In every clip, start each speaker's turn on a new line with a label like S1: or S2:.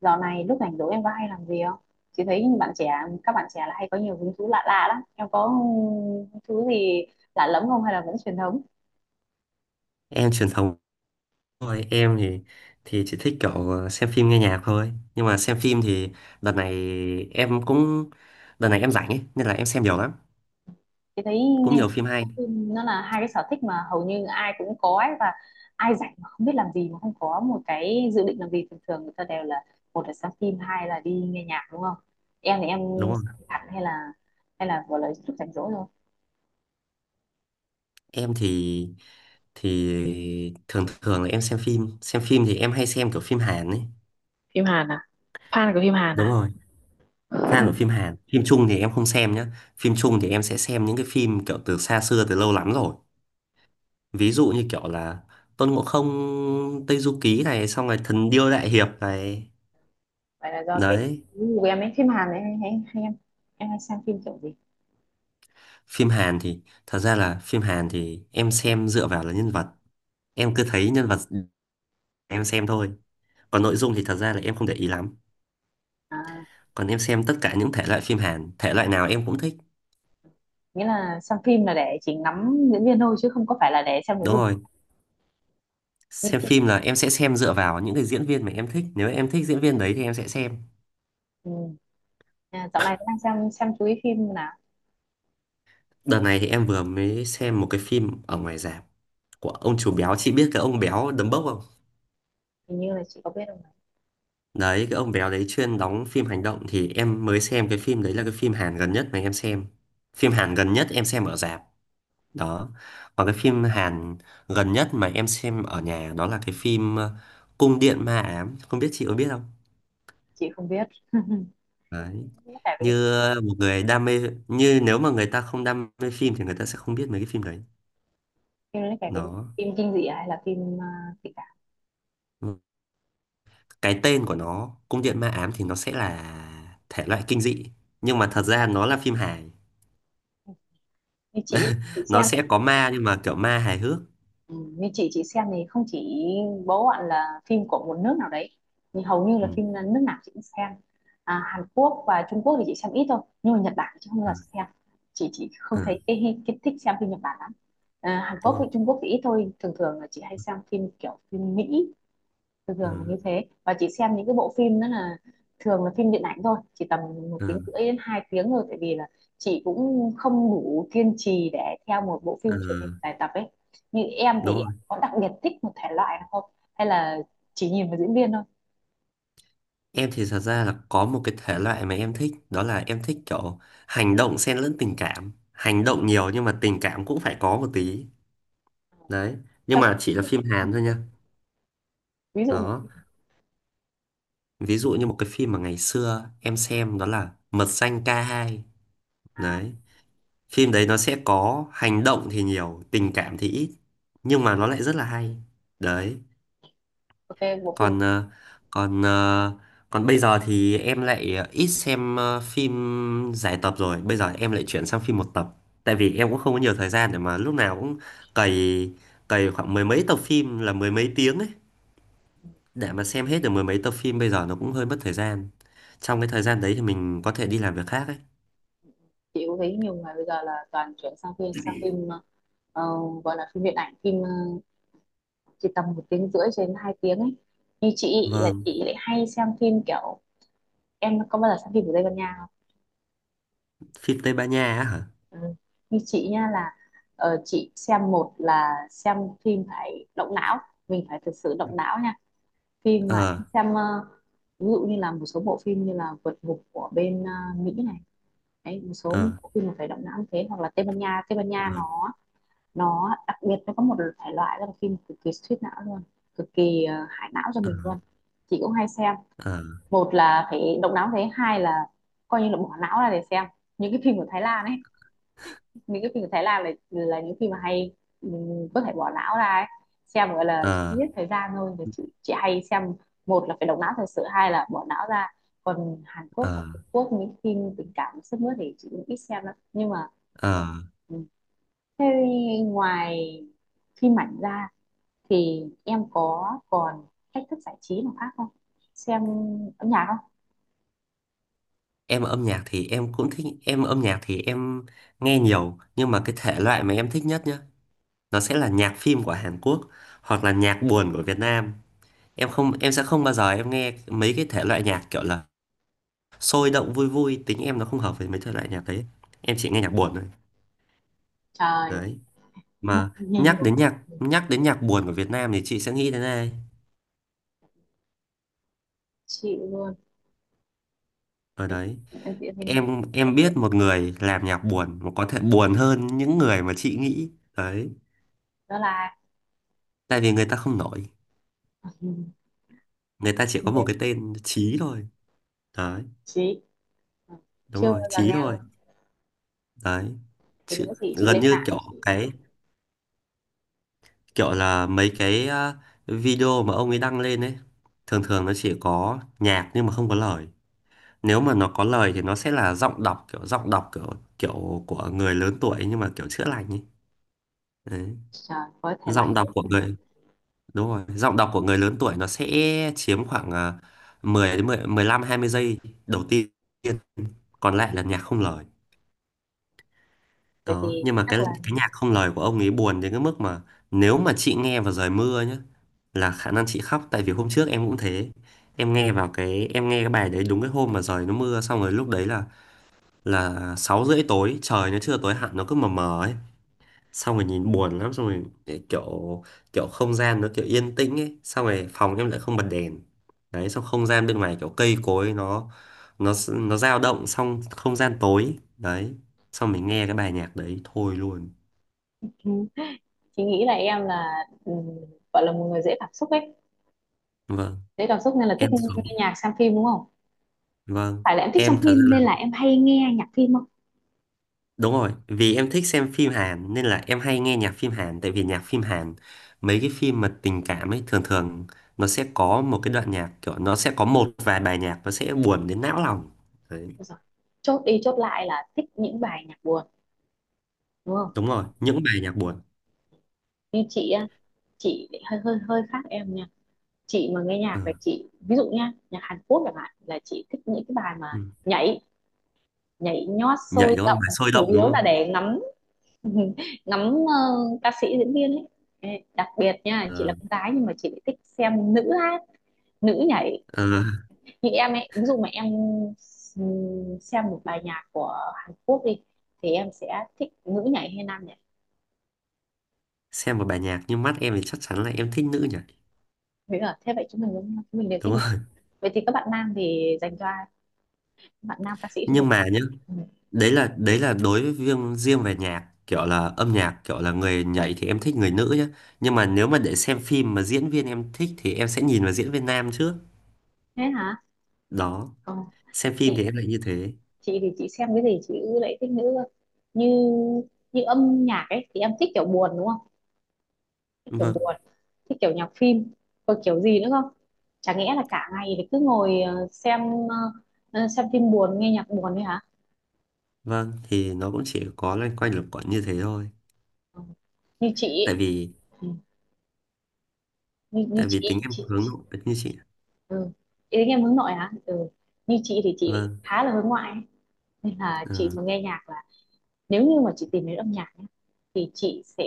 S1: Dạo này lúc rảnh rỗi em có hay làm gì không? Chị thấy các bạn trẻ là hay có nhiều hứng thú lạ lạ lắm. Em có hứng thú gì lạ lẫm không hay là vẫn truyền thống?
S2: Em truyền thống thôi, em thì chỉ thích kiểu xem phim nghe nhạc thôi, nhưng mà xem phim thì đợt này em cũng đợt này em rảnh ấy nên là em xem nhiều lắm.
S1: Chị thấy nghe
S2: Cũng nhiều
S1: nhạc
S2: phim
S1: và
S2: hay,
S1: xem phim nó là hai cái sở thích mà hầu như ai cũng có ấy, và ai rảnh mà không biết làm gì, mà không có một cái dự định làm gì, thường thường người ta đều là một là xem phim, hai là đi nghe nhạc, đúng không? Em thì em
S2: đúng không?
S1: xem hẳn hay là gọi là lúc rảnh rỗi thôi.
S2: Em thì thường thường là em xem phim thì em hay xem kiểu phim Hàn ấy.
S1: Phim Hàn à? Fan của phim Hàn
S2: Đúng
S1: à?
S2: rồi, fan của phim Hàn. Phim Trung thì em không xem nhá. Phim Trung thì em sẽ xem những cái phim kiểu từ xa xưa, từ lâu lắm rồi, ví dụ như kiểu là Tôn Ngộ Không, Tây Du Ký này, xong rồi Thần Điêu Đại Hiệp này.
S1: Vậy là do cái
S2: Đấy,
S1: gu của em ấy, phim Hàn ấy hay hay, hay em hay xem phim kiểu gì?
S2: phim Hàn thì thật ra là phim Hàn thì em xem dựa vào là nhân vật. Em cứ thấy nhân vật em xem thôi, còn nội dung thì thật ra là em không để ý lắm.
S1: À,
S2: Còn em xem tất cả những thể loại phim Hàn, thể loại nào em cũng thích.
S1: nghĩa là xem phim là để chỉ ngắm diễn viên thôi, chứ không có phải là để xem nội
S2: Đúng
S1: dung.
S2: rồi,
S1: Nhưng
S2: xem
S1: chị,
S2: phim là em sẽ xem dựa vào những cái diễn viên mà em thích, nếu em thích diễn viên đấy thì em sẽ xem.
S1: ừ. À, dạo này đang xem chú ý phim nào.
S2: Đợt này thì em vừa mới xem một cái phim ở ngoài rạp của ông chủ béo, chị biết cái ông béo đấm bốc không?
S1: Hình như là chị có biết không nhỉ?
S2: Đấy, cái ông béo đấy chuyên đóng phim hành động. Thì em mới xem, cái phim đấy là cái phim Hàn gần nhất mà em xem, phim Hàn gần nhất em xem ở rạp. Đó. Còn cái phim Hàn gần nhất mà em xem ở nhà đó là cái phim Cung điện ma ám, không biết chị có biết không.
S1: Chị không biết,
S2: Đấy.
S1: nó kể về cái gì?
S2: như một người đam mê Như nếu mà người ta không đam mê phim thì người ta sẽ không biết mấy cái phim đấy.
S1: Phim nó kể về cái gì?
S2: nó
S1: Phim kinh dị à, hay là tình cảm?
S2: cái tên của nó Cung điện ma ám thì nó sẽ là thể loại kinh dị, nhưng mà thật ra nó là phim hài.
S1: Như chị
S2: Nó
S1: xem.
S2: sẽ có ma nhưng mà kiểu ma hài hước.
S1: Ừ, như chị xem thì không chỉ bố bạn là phim của một nước nào đấy, nhưng hầu như là
S2: Ừ,
S1: phim là nước nào chị cũng xem. À, Hàn Quốc và Trung Quốc thì chị xem ít thôi, nhưng mà Nhật Bản thì chị không
S2: ừ,
S1: bao giờ xem. Chị không
S2: ừ,
S1: thấy cái thích xem phim Nhật Bản lắm. À, Hàn
S2: đúng
S1: Quốc
S2: rồi.
S1: với Trung Quốc thì ít thôi, thường thường là chị hay xem phim kiểu phim Mỹ. Thường thường là
S2: Ừ,
S1: như thế, và chị xem những cái bộ phim đó là thường là phim điện ảnh thôi, chỉ tầm một
S2: ừ,
S1: tiếng rưỡi đến hai tiếng thôi, tại vì là chị cũng không đủ kiên trì để theo một bộ
S2: ừ,
S1: phim truyền hình dài tập ấy. Như em thì
S2: đúng rồi.
S1: em có đặc biệt thích một thể loại nào không, hay là chỉ nhìn vào diễn viên thôi?
S2: Em thì thật ra là có một cái thể loại mà em thích. Đó là em thích kiểu hành động xen lẫn tình cảm. Hành động nhiều nhưng mà tình cảm cũng phải có một tí. Đấy. Nhưng
S1: Cho
S2: mà chỉ là phim Hàn thôi nha.
S1: ví dụ.
S2: Đó. Ví dụ như một cái phim mà ngày xưa em xem đó là Mật danh K2. Đấy. Phim đấy nó sẽ có hành động thì nhiều, tình cảm thì ít, nhưng mà nó lại rất là hay. Đấy.
S1: Ok bộ phim.
S2: còn ờ, còn ờ, Còn bây giờ thì em lại ít xem phim dài tập rồi, bây giờ em lại chuyển sang phim một tập. Tại vì em cũng không có nhiều thời gian để mà lúc nào cũng cày cày khoảng mười mấy tập phim, là mười mấy tiếng ấy, để mà xem hết được mười mấy tập phim bây giờ nó cũng hơi mất thời gian. Trong cái thời gian đấy thì mình có thể đi làm việc khác ấy.
S1: Chị cũng thấy nhiều người bây giờ là toàn chuyển sang phim ờ, gọi là phim điện ảnh, chỉ tầm một tiếng rưỡi cho đến hai tiếng ấy. Như chị là
S2: Vâng,
S1: chị lại hay xem phim kiểu, em có bao giờ xem phim của Tây Ban Nha không?
S2: phim Tây Ban Nha á hả?
S1: Ừ. Như chị nha là, chị xem, một là xem phim phải động não, mình phải thực sự động não nha. Phim mà em
S2: Ờ,
S1: xem, ví dụ như là một số bộ phim như là Vượt Ngục của bên Mỹ này. Đấy, một số
S2: ờ,
S1: bộ phim mà phải động não như thế, hoặc là Tây Ban Nha. Tây Ban Nha
S2: ờ,
S1: nó đặc biệt, nó có một thể loại đó là phim cực kỳ suýt não luôn, cực kỳ hại não cho
S2: ờ,
S1: mình luôn. Chị cũng hay xem,
S2: ờ,
S1: một là phải động não thế, hai là coi như là bỏ não ra để xem những cái phim của Thái Lan ấy. Những cái phim của Thái Lan là những phim mà hay, mình có thể bỏ não ra ấy. Xem gọi là cho
S2: ờ,
S1: giết thời gian thôi thì chị hay xem, một là phải động não thật sự, hai là bỏ não ra. Còn Hàn Quốc và
S2: ờ,
S1: Trung Quốc những phim tình cảm sức mướt thì chị cũng ít xem lắm, nhưng mà
S2: ờ.
S1: ừ. Thế, ngoài phim ảnh ra thì em có còn cách thức giải trí nào khác không, xem âm nhạc không?
S2: em âm nhạc thì em cũng thích Em âm nhạc thì em nghe nhiều, nhưng mà cái thể loại mà em thích nhất nhá, nó sẽ là nhạc phim của Hàn Quốc hoặc là nhạc buồn của Việt Nam. Em không Em sẽ không bao giờ em nghe mấy cái thể loại nhạc kiểu là sôi động vui vui, tính em nó không hợp với mấy thể loại nhạc đấy. Em chỉ nghe nhạc buồn thôi.
S1: Trời.
S2: Đấy
S1: Nhạc
S2: mà,
S1: nhiều.
S2: nhắc đến nhạc buồn của Việt Nam thì chị sẽ nghĩ đến ai?
S1: Chị luôn,
S2: Ở
S1: em
S2: đấy,
S1: em chị hay nghe.
S2: em biết một người làm nhạc buồn mà có thể buồn hơn những người mà chị nghĩ. Đấy,
S1: Đó là.
S2: tại vì người ta không nổi,
S1: Ừ.
S2: người ta chỉ có một cái tên Chí thôi. Đấy,
S1: Chị Ờ,
S2: đúng
S1: chưa
S2: rồi,
S1: bao giờ
S2: Chí
S1: nghe
S2: thôi.
S1: luôn,
S2: Đấy
S1: thì nữa
S2: chứ,
S1: thì chị
S2: gần
S1: lên
S2: như
S1: mạng, chị
S2: kiểu là mấy cái video mà ông ấy đăng lên ấy. Thường thường nó chỉ có nhạc nhưng mà không có lời. Nếu mà nó có lời thì nó sẽ là giọng đọc, kiểu kiểu của người lớn tuổi nhưng mà kiểu chữa lành ấy. Đấy.
S1: search với thể loại
S2: Giọng đọc
S1: đấy.
S2: của
S1: Ừ.
S2: người Đúng rồi, giọng đọc của người lớn tuổi, nó sẽ chiếm khoảng 10 đến 15, 20 giây đầu tiên, còn lại là nhạc không lời.
S1: Vậy
S2: Đó,
S1: thì
S2: nhưng mà
S1: chắc
S2: cái
S1: là
S2: cái nhạc không lời của ông ấy buồn đến cái mức mà nếu mà chị nghe vào trời mưa nhá, là khả năng chị khóc, tại vì hôm trước em cũng thế. Em nghe vào cái Em nghe cái bài đấy đúng cái hôm mà trời nó mưa, xong rồi lúc đấy là 6:30 tối, trời nó chưa tối hẳn nó cứ mờ mờ ấy. Xong rồi nhìn buồn lắm, xong rồi kiểu kiểu không gian nó kiểu yên tĩnh ấy, xong rồi phòng em lại không bật đèn. Đấy, xong không gian bên ngoài kiểu cây cối nó dao động, xong không gian tối. Đấy, xong mình nghe cái bài nhạc đấy thôi luôn.
S1: ừ, chị nghĩ là em là, gọi là một người dễ cảm xúc ấy,
S2: Vâng,
S1: dễ cảm xúc nên là thích
S2: em
S1: nghe,
S2: thường-
S1: nghe nhạc, xem phim đúng không?
S2: vâng,
S1: Phải là em thích xem
S2: em thật ra
S1: phim
S2: là
S1: nên là em hay nghe nhạc phim không?
S2: đúng rồi, vì em thích xem phim Hàn nên là em hay nghe nhạc phim Hàn. Tại vì nhạc phim Hàn, mấy cái phim mà tình cảm ấy, thường thường nó sẽ có một cái đoạn nhạc kiểu, nó sẽ có một vài bài nhạc nó sẽ buồn đến não lòng. Đấy,
S1: Đúng rồi. Chốt đi chốt lại là thích những bài nhạc buồn đúng không?
S2: đúng rồi, những bài nhạc buồn.
S1: Như chị á, chị lại hơi hơi hơi khác em nha. Chị mà nghe nhạc
S2: Ờ,
S1: là chị, ví dụ nha, nhạc Hàn Quốc chẳng hạn là chị thích những cái bài mà
S2: ừ.
S1: nhảy nhảy nhót
S2: Nhảy
S1: sôi
S2: đúng không?
S1: động,
S2: Bài sôi
S1: chủ
S2: động đúng
S1: yếu là
S2: không?
S1: để ngắm ngắm, ờ, ca sĩ diễn viên ấy. Ê, đặc biệt nha, chị là
S2: Ờ,
S1: con gái nhưng mà chị lại thích xem nữ hát, nữ nhảy.
S2: ờ,
S1: Như em ấy, ví dụ mà em xem một bài nhạc của Hàn Quốc đi thì em sẽ thích nữ nhảy hay nam nhảy?
S2: xem một bài nhạc như mắt em thì chắc chắn là em thích nữ nhỉ.
S1: Thế là thế vậy chúng mình đúng không? Chúng mình đều thích.
S2: Đúng không?
S1: Vậy thì các bạn nam thì dành cho ai, các bạn nam ca sĩ thì dành
S2: Nhưng mà
S1: cho ai?
S2: nhá,
S1: Ừ.
S2: đấy là đối với riêng riêng về nhạc, kiểu là âm nhạc kiểu là người nhảy thì em thích người nữ nhé, nhưng mà nếu mà để xem phim mà diễn viên em thích thì em sẽ nhìn vào diễn viên nam trước.
S1: Thế hả?
S2: Đó,
S1: ờ,
S2: xem phim
S1: chị
S2: thì em lại như thế.
S1: chị thì chị xem cái gì chị lại thích nữ cơ. Như như âm nhạc ấy thì em thích kiểu buồn đúng không, thích kiểu
S2: Vâng,
S1: buồn. Thích kiểu nhạc phim. Còn kiểu gì nữa không? Chả nghĩa là cả ngày thì cứ ngồi xem, ờ, xem phim buồn, nghe nhạc buồn đấy hả?
S2: vâng, thì nó cũng chỉ có loanh quanh lục quận như thế thôi,
S1: Ừ. Như chị
S2: tại
S1: ý.
S2: vì
S1: Ừ. như, như
S2: tại vì tính
S1: chị
S2: em
S1: chị,
S2: hướng
S1: chị.
S2: nội như chị ạ.
S1: Ừ. Ý đến em hướng nội hả? Ừ. Như chị thì chị
S2: Vâng.
S1: khá là hướng ngoại ấy. Nên là
S2: ờ,
S1: chị mà nghe nhạc là, nếu như mà chị tìm đến âm nhạc ấy, thì chị sẽ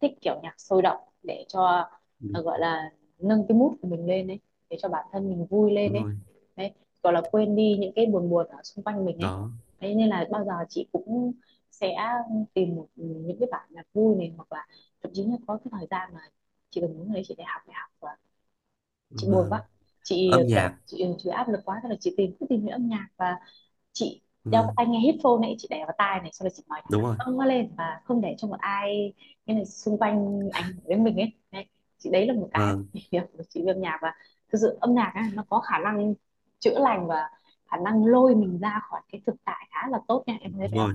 S1: thích kiểu nhạc sôi động, để cho,
S2: đúng
S1: gọi là nâng cái mood của mình lên ấy, để cho bản thân mình vui lên
S2: đúng
S1: ấy,
S2: rồi.
S1: đấy, gọi là quên đi những cái buồn buồn ở xung quanh mình ấy.
S2: Đó.
S1: Thế nên là bao giờ chị cũng sẽ tìm một, những cái bản nhạc vui này, hoặc là thậm chí là có cái thời gian mà chị còn muốn, đấy, chị để học đại học và chị buồn
S2: Vâng.
S1: quá, chị
S2: Âm nhạc.
S1: kiểu, chị áp lực quá, thế là chị cứ tìm những âm nhạc, và chị đeo cái
S2: Vâng,
S1: tai nghe headphone này, chị để vào tai này xong rồi chị nói nhạc thật
S2: đúng rồi.
S1: to lên, và không để cho một ai, cái này xung quanh ảnh hưởng đến mình ấy, đấy. Chị, đấy là một cái
S2: Vâng,
S1: việc của chị về âm nhạc, và thực sự âm nhạc á, nó có khả năng chữa lành, và khả năng lôi mình ra khỏi cái thực tại khá là tốt nha, em thấy
S2: đúng
S1: vậy không?
S2: rồi,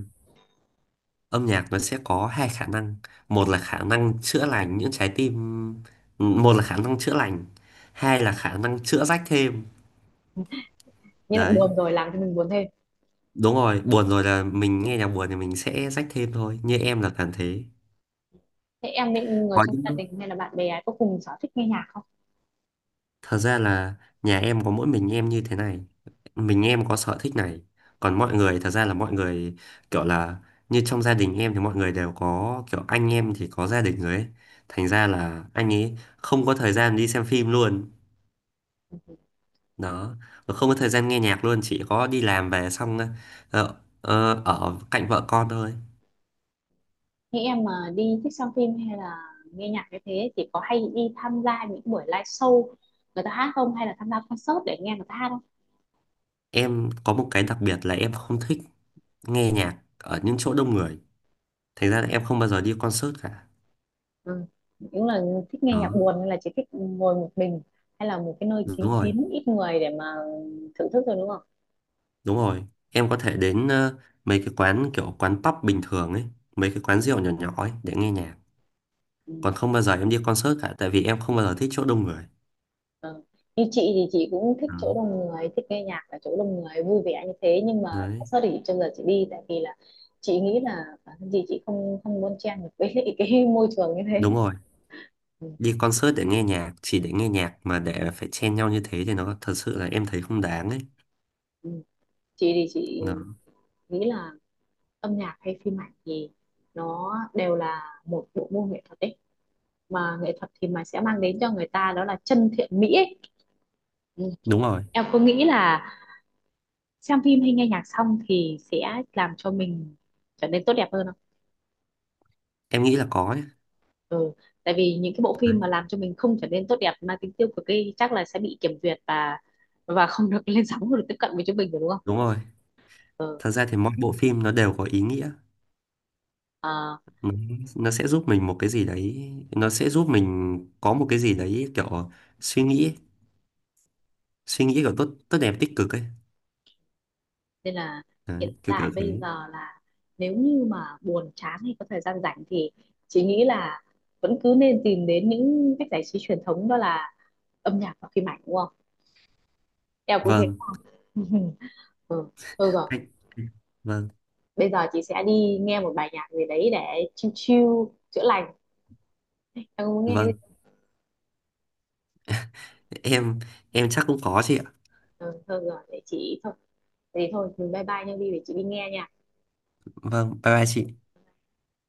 S2: âm nhạc nó sẽ có hai khả năng. Một là khả năng chữa lành những trái tim. Một là khả năng chữa lành, hai là khả năng chữa rách thêm.
S1: Như là
S2: Đấy,
S1: buồn rồi làm cho mình buồn thêm.
S2: đúng rồi, buồn rồi là mình nghe nhạc buồn thì mình sẽ rách thêm thôi, như em là cảm thế.
S1: Thế em với người
S2: Có
S1: trong
S2: những
S1: gia
S2: lúc,
S1: đình hay là bạn bè có cùng sở thích nghe nhạc không?
S2: thật ra là nhà em có mỗi mình em như thế này, mình em có sở thích này. Còn mọi người, thật ra là mọi người kiểu là, như trong gia đình em thì mọi người đều có, kiểu anh em thì có gia đình rồi ấy, thành ra là anh ấy không có thời gian đi xem phim luôn. Đó. Mà không có thời gian nghe nhạc luôn, chỉ có đi làm về xong ờ, ở cạnh vợ con thôi.
S1: Nghĩ em mà đi thích xem phim hay là nghe nhạc cái thế thì có hay đi tham gia những buổi live show người ta hát không, hay là tham gia concert để nghe người ta hát không?
S2: Em có một cái đặc biệt là em không thích nghe nhạc ở những chỗ đông người, thành ra là em không bao giờ đi concert cả.
S1: Ừ. Những là thích nghe
S2: Đó.
S1: nhạc buồn nên là chỉ thích ngồi một mình, hay là một cái nơi
S2: Đúng
S1: kín
S2: rồi,
S1: kín ít người để mà thưởng thức rồi đúng không?
S2: đúng rồi, em có thể đến mấy cái quán kiểu quán pub bình thường ấy, mấy cái quán rượu nhỏ nhỏ ấy để nghe nhạc.
S1: Ừ.
S2: Còn không bao giờ em đi concert cả, tại vì em không bao giờ thích chỗ đông người.
S1: Ừ. Như chị thì chị cũng thích
S2: Đó.
S1: chỗ đông người, thích nghe nhạc ở chỗ đông người vui vẻ như thế, nhưng mà
S2: Đấy,
S1: concert thì trước giờ chị đi, tại vì là chị nghĩ là bản thân chị không không bon chen được với lại cái môi trường như thế.
S2: đúng rồi,
S1: Ừ.
S2: đi concert để nghe nhạc, chỉ để nghe nhạc mà để phải chen nhau như thế thì nó thật sự là em thấy không đáng ấy.
S1: Ừ. Chị thì chị
S2: nó,
S1: nghĩ là âm nhạc hay phim ảnh thì nó đều là một bộ môn nghệ thuật ấy, mà nghệ thuật thì mà sẽ mang đến cho người ta đó là chân thiện mỹ ấy. Ừ.
S2: Đúng rồi,
S1: Em có nghĩ là xem phim hay nghe nhạc xong thì sẽ làm cho mình trở nên tốt đẹp hơn không?
S2: em nghĩ là có ấy.
S1: Ừ. Tại vì những cái bộ phim mà làm cho mình không trở nên tốt đẹp mà tính tiêu cực ấy chắc là sẽ bị kiểm duyệt, và không được lên sóng, không được tiếp cận với chúng mình rồi đúng không?
S2: Đúng rồi,
S1: Ừ.
S2: thật ra thì mỗi bộ phim nó đều có ý nghĩa.
S1: Ờ,
S2: Nó, nó sẽ giúp mình một cái gì đấy, nó sẽ giúp mình có một cái gì đấy kiểu suy nghĩ ấy. Suy nghĩ kiểu tốt tốt đẹp tích cực ấy.
S1: nên là
S2: Đấy,
S1: hiện
S2: kiểu
S1: tại
S2: kiểu thế.
S1: bây giờ là, nếu như mà buồn chán hay có thời gian rảnh thì chị nghĩ là vẫn cứ nên tìm đến những cách giải trí truyền thống, đó là âm nhạc và phim ảnh đúng không, em cũng thế.
S2: Vâng,
S1: Ừ, thôi rồi.
S2: anh- vâng,
S1: Bây giờ chị sẽ đi nghe một bài nhạc gì đấy để chill chill, chữa lành. Em muốn nghe cái
S2: vâng,
S1: gì?
S2: em em chắc cũng có chị ạ.
S1: Ừ, thôi rồi, để chị thôi. Thế thì thôi, bye bye nha Vy, để chị đi nghe nha.
S2: Vâng, bye bye chị.